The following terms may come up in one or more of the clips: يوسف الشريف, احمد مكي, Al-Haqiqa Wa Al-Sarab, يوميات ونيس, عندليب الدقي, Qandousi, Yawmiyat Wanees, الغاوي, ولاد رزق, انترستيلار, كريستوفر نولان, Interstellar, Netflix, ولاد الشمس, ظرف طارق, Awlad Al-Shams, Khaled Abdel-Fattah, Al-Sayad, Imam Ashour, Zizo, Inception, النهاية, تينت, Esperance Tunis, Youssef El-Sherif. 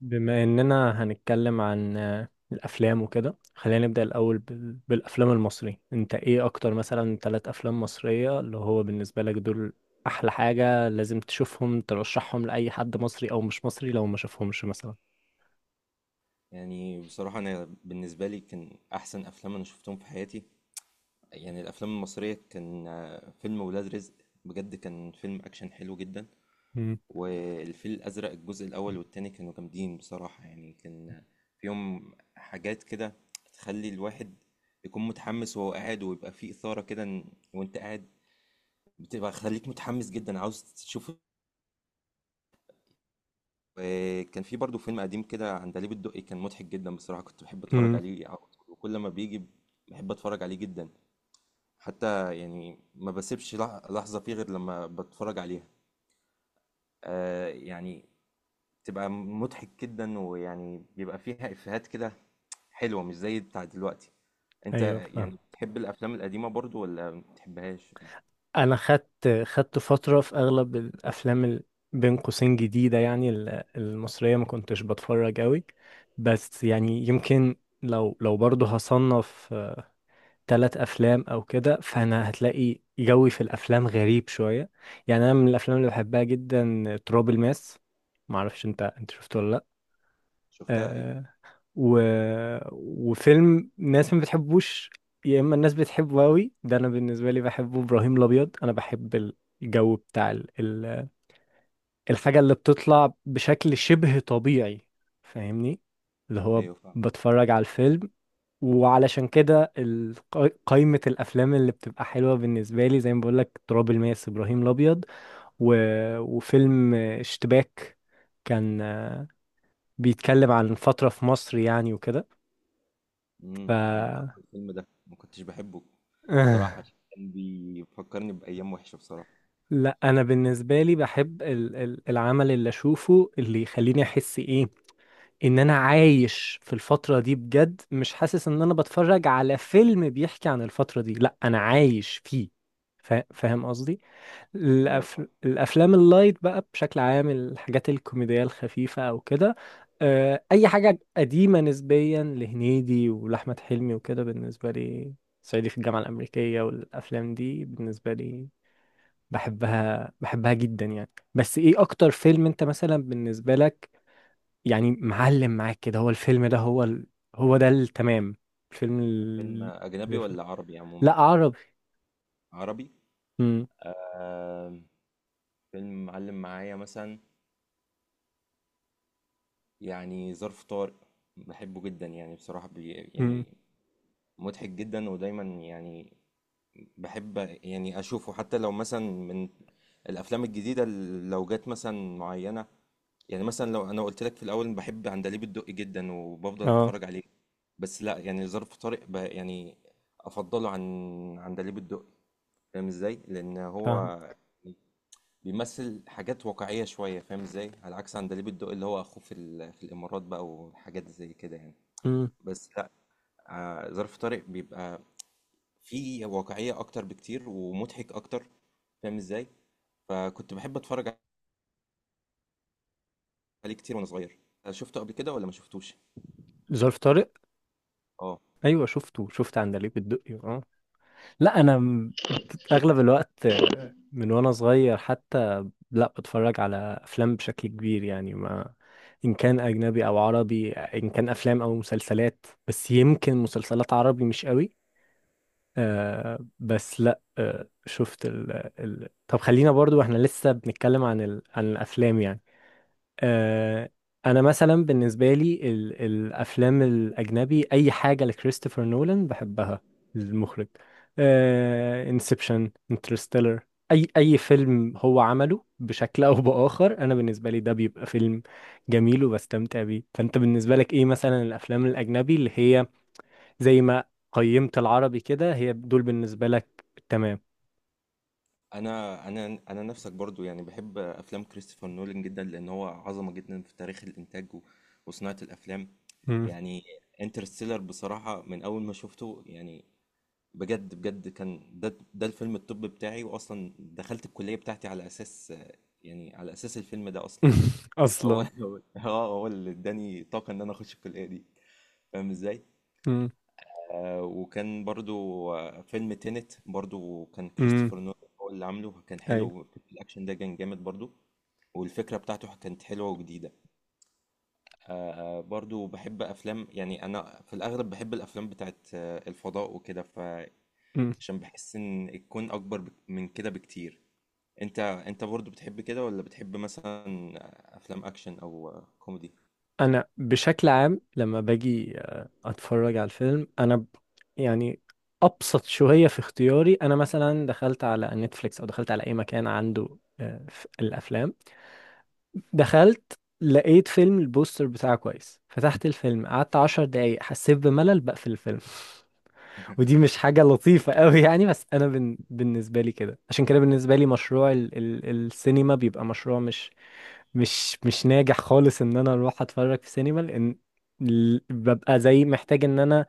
بما اننا هنتكلم عن الافلام وكده خلينا نبدا الاول بالافلام المصريه. انت ايه اكتر مثلا ثلاث افلام مصريه اللي هو بالنسبه لك دول احلى حاجه لازم تشوفهم ترشحهم لاي حد مصري او مش مصري لو ما شافهمش مثلا؟ يعني بصراحة أنا بالنسبة لي كان أحسن أفلام أنا شفتهم في حياتي. يعني الأفلام المصرية كان فيلم ولاد رزق، بجد كان فيلم أكشن حلو جدا. امم. والفيل الأزرق الجزء الأول والتاني كانوا جامدين بصراحة، يعني كان فيهم حاجات كده تخلي الواحد يكون متحمس وهو قاعد ويبقى فيه إثارة كده. وأنت قاعد بتبقى خليك متحمس جدا عاوز تشوف. وكان في برضه فيلم قديم كده، عندليب الدقي، كان مضحك جدا بصراحة، كنت بحب اتفرج امم. عليه على طول وكل ما بيجي بحب اتفرج عليه جدا. حتى يعني ما بسيبش لحظة فيه غير لما بتفرج عليها، آه يعني تبقى مضحك جدا، ويعني بيبقى فيها إفيهات كده حلوة مش زي بتاع دلوقتي. انت ايوه، فاهم. يعني بتحب الافلام القديمة برضو ولا ما بتحبهاش؟ انا خدت فتره في اغلب الافلام بين قوسين جديده يعني المصريه ما كنتش بتفرج قوي، بس يعني يمكن لو برضه هصنف ثلاث افلام او كده، فانا هتلاقي جوي في الافلام غريب شويه. يعني انا من الافلام اللي بحبها جدا تراب الماس. ما اعرفش انت شفته ولا لا؟ شفتها ايوه. آه. و... وفيلم ناس ما بتحبوش يا اما الناس بتحبه قوي، ده انا بالنسبه لي بحبه. ابراهيم الابيض انا بحب الجو بتاع الحاجه اللي بتطلع بشكل شبه طبيعي، فاهمني؟ اللي هو ايوه فعلا. بتفرج على الفيلم. وعلشان كده قايمة الأفلام اللي بتبقى حلوة بالنسبة لي، زي ما بقولك، تراب الماس، إبراهيم الأبيض، و... وفيلم اشتباك. كان بيتكلم عن فترة في مصر يعني وكده. ف انا فاكر الفيلم ده ما كنتش بحبه صراحة، آه، كان بيفكرني بأيام وحشة بصراحة. لا أنا بالنسبة لي بحب العمل اللي أشوفه اللي يخليني أحس إيه، إن أنا عايش في الفترة دي بجد. مش حاسس إن أنا بتفرج على فيلم بيحكي عن الفترة دي، لا أنا عايش فيه. فاهم قصدي؟ ايوه فاهم. الافلام اللايت بقى بشكل عام، الحاجات الكوميديه الخفيفه او كده، اي حاجه قديمه نسبيا لهنيدي ولاحمد حلمي وكده بالنسبه لي، صعيدي في الجامعه الامريكيه، والافلام دي بالنسبه لي بحبها جدا يعني. بس ايه اكتر فيلم انت مثلا بالنسبه لك يعني معلم معاك كده، هو الفيلم ده هو هو ده التمام، الفيلم فيلم اجنبي ولا عربي لا، عموما؟ عربي. عربي. امم. آه، فيلم معلم معايا مثلا يعني ظرف طارق، بحبه جدا يعني بصراحة، بي امم. يعني مضحك جدا، ودايما يعني بحب يعني اشوفه، حتى لو مثلا من الافلام الجديدة، لو جت مثلا معينة. يعني مثلا لو انا قلت لك في الاول بحب عندليب الدقي جدا وبفضل اه، اتفرج عليه، بس لا يعني ظرف طارق يعني افضله عن عندليب الدقي، فاهم ازاي؟ لان هو فاهم. بيمثل حاجات واقعية شوية، فاهم ازاي، على عكس عندليب الدقي اللي هو اخوه في في الامارات بقى، وحاجات زي كده يعني. امم. بس لا، ظرف طارق بيبقى فيه واقعية اكتر بكتير ومضحك اكتر، فاهم ازاي؟ فكنت بحب اتفرج عليه كتير وانا صغير. شفته قبل كده ولا ما شفتوش؟ ظرف طارق؟ اه. ايوه شفته. شفت عندليب الدقي اه. لا انا اغلب الوقت من وانا صغير حتى لا بتفرج على افلام بشكل كبير يعني، ما ان كان اجنبي او عربي، ان كان افلام او مسلسلات، بس يمكن مسلسلات عربي مش قوي. آه بس لا، آه شفت ال ال طب خلينا برضو احنا لسه بنتكلم عن عن الافلام يعني. آه، انا مثلا بالنسبه لي الافلام الاجنبي اي حاجه لكريستوفر نولان بحبها، المخرج، انسبشن، انترستيلر، اي فيلم هو عمله بشكل او باخر انا بالنسبه لي ده بيبقى فيلم جميل وبستمتع بيه. فانت بالنسبه لك ايه مثلا الافلام الاجنبي اللي هي زي ما قيمت العربي كده، هي دول بالنسبه لك تمام؟ انا نفسك برضو، يعني بحب افلام كريستوفر نولان جدا، لان هو عظمه جدا في تاريخ الانتاج وصناعه الافلام. مم. يعني انترستيلر بصراحه من اول ما شفته، يعني بجد بجد كان ده الفيلم الطب بتاعي، واصلا دخلت الكليه بتاعتي على اساس يعني على اساس الفيلم ده اصلا. هو اصلا. هو هو اللي اداني طاقه ان انا اخش الكليه دي، فاهم ازاي؟ مم. وكان برضو فيلم تينت برضو كان مم. كريستوفر نولان هو اللي عامله، كان حلو الأكشن ده، كان جامد برضو، والفكرة بتاعته كانت حلوة وجديدة. برضو بحب أفلام، يعني أنا في الأغلب بحب الأفلام بتاعت الفضاء وكده، فعشان ايوه. بحس إن الكون أكبر من كده بكتير. أنت برضو بتحب كده، ولا بتحب مثلا أفلام أكشن أو كوميدي؟ انا بشكل عام لما باجي اتفرج على الفيلم انا يعني ابسط شويه في اختياري. انا مثلا دخلت على نتفليكس او دخلت على اي مكان عنده الافلام، دخلت لقيت فيلم البوستر بتاعه كويس، فتحت الفيلم قعدت 10 دقايق حسيت بملل، بقفل الفيلم. ودي مش حاجه لطيفه قوي يعني، بس انا بالنسبه لي كده. عشان كده بالنسبه لي مشروع ال السينما بيبقى مشروع مش ناجح خالص، ان انا اروح اتفرج في سينما، لان ببقى زي محتاج ان انا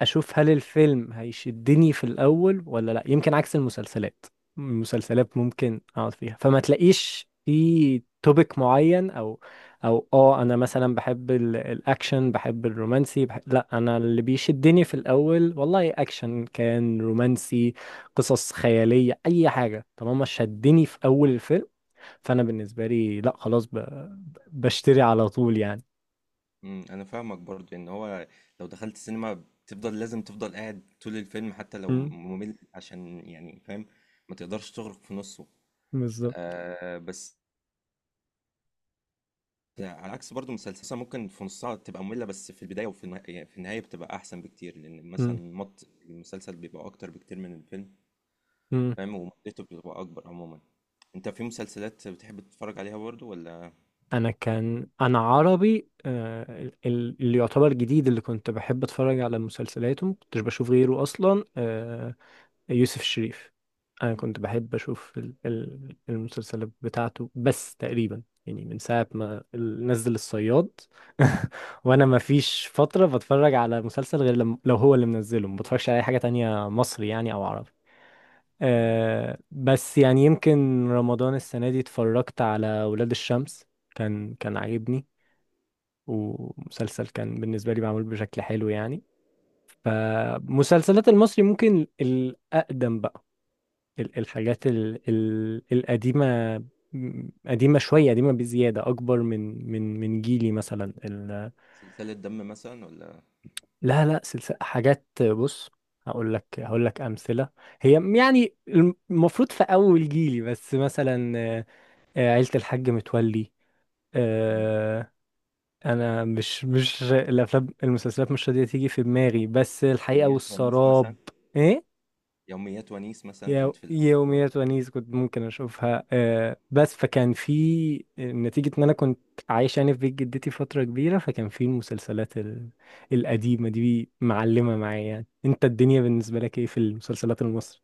اشوف هل الفيلم هيشدني في الاول ولا لا. يمكن عكس المسلسلات، المسلسلات ممكن اقعد فيها فما تلاقيش في توبيك معين، او انا مثلا بحب الاكشن، بحب الرومانسي، بحب، لا انا اللي بيشدني في الاول والله اكشن كان رومانسي قصص خيالية اي حاجة طالما شدني في اول الفيلم، فانا بالنسبه لي لا خلاص بشتري على طول يعني. انا فاهمك، برضو ان هو لو دخلت السينما بتفضل لازم تفضل قاعد طول الفيلم حتى لو امم. ممل، عشان يعني فاهم ما تقدرش تغرق في نصه. بالظبط. آه بس على عكس برضو مسلسل مثلاً، ممكن في نصها تبقى مملة بس في البداية وفي يعني في النهاية بتبقى احسن بكتير، لان امم. مثلا مط المسلسل بيبقى اكتر بكتير من الفيلم، امم. فاهم، ومدته بتبقى اكبر عموما. انت في مسلسلات بتحب تتفرج عليها برضو ولا؟ انا كان انا عربي، اللي يعتبر جديد اللي كنت بحب اتفرج على مسلسلاته ما كنتش بشوف غيره اصلا، يوسف الشريف. انا كنت بحب اشوف المسلسلات بتاعته، بس تقريبا يعني من ساعه ما نزل الصياد وانا ما فيش فتره بتفرج على مسلسل غير لم... لو هو اللي منزله، ما بتفرجش على اي حاجه تانية مصري يعني او عربي. مم. بس يعني يمكن رمضان السنة دي اتفرجت على ولاد الشمس. كان عاجبني ومسلسل كان بالنسبة لي معمول بشكل حلو يعني. فمسلسلات المصري ممكن الأقدم بقى، الحاجات ال القديمة، قديمة شوية، قديمة بزيادة أكبر من جيلي مثلا سلسلة دم مثلا ولا؟ لا لا، سلسلة حاجات، بص هقول لك أمثلة، هي يعني المفروض في أول جيلي بس مثلا، عيلة الحاج متولي، مم. آه، انا مش الافلام، المسلسلات مش راضية تيجي في دماغي، بس الحقيقة يوميات ونيس والسراب. مثلا؟ ايه؟ يوميات ونيس مثلا كانت في الاول برضه. يوميات ونيس كنت ممكن اشوفها آه. بس فكان في نتيجة ان انا كنت عايش يعني في بيت جدتي فترة كبيرة، فكان في المسلسلات القديمة دي معلمة معايا يعني. انت الدنيا بالنسبة لك ايه في المسلسلات المصري؟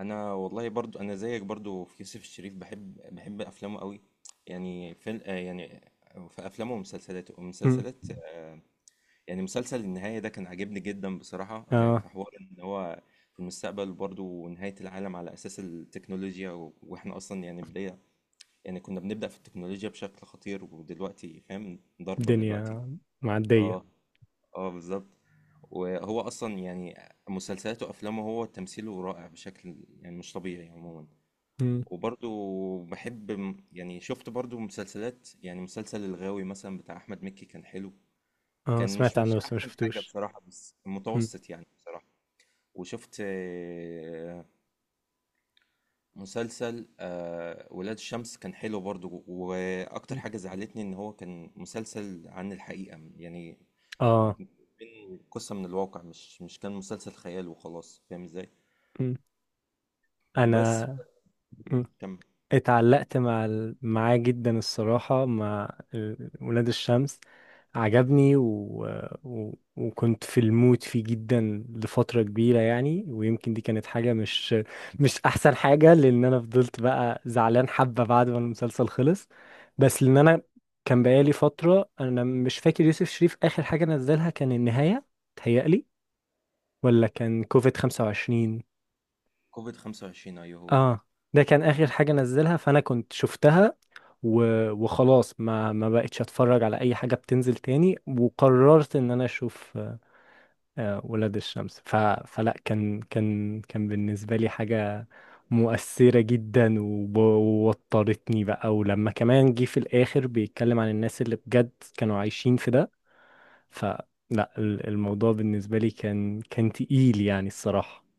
انا والله برضو انا زيك برضو في يوسف الشريف، بحب افلامه قوي. يعني في يعني في افلامه ومسلسلاته مم. ومسلسلات يعني مسلسل النهايه ده كان عاجبني جدا بصراحه. اه، في حوار ان هو في المستقبل برضو ونهايه العالم على اساس التكنولوجيا واحنا اصلا يعني بدايه، يعني كنا بنبدا في التكنولوجيا بشكل خطير ودلوقتي فاهم ضربه دلوقتي. الدنيا معدية. اه. اه بالظبط. وهو اصلا يعني مسلسلاته وافلامه، هو تمثيله رائع بشكل يعني مش طبيعي عموما. مم. وبرضو بحب يعني شفت برضو مسلسلات، يعني مسلسل الغاوي مثلا بتاع احمد مكي كان حلو، اه، كان مش سمعت عنه مش بس ما احسن حاجة شفتوش. بصراحة بس مم. متوسط يعني بصراحة. وشفت مسلسل ولاد الشمس، كان حلو برضو، واكتر حاجة زعلتني ان هو كان مسلسل عن الحقيقة يعني، اه. بين قصة من الواقع، مش كان مسلسل خيال وخلاص، فاهم ازاي؟ م. بس انا. م. كم اتعلقت مع معاه جدا الصراحة، مع ولاد الشمس، عجبني وكنت في المود فيه جدا لفترة كبيرة يعني، ويمكن دي كانت حاجة مش أحسن حاجة لأن أنا فضلت بقى زعلان حبة بعد ما المسلسل خلص. بس لأن أنا كان بقالي فترة أنا مش فاكر يوسف شريف آخر حاجة نزلها كان النهاية، تهيألي، ولا كان كوفيد 25؟ كوفيد 25؟ ايوه هو ده. اه، ده كان اخر حاجه نزلها فانا كنت شفتها وخلاص ما بقتش اتفرج على اي حاجه بتنزل تاني، وقررت ان انا اشوف ولاد الشمس. فلا كان بالنسبه لي حاجه مؤثره جدا، ووترتني بقى، ولما كمان جه في الاخر بيتكلم عن الناس اللي بجد كانوا عايشين في ده، فلا الموضوع بالنسبه لي كان تقيل يعني الصراحه.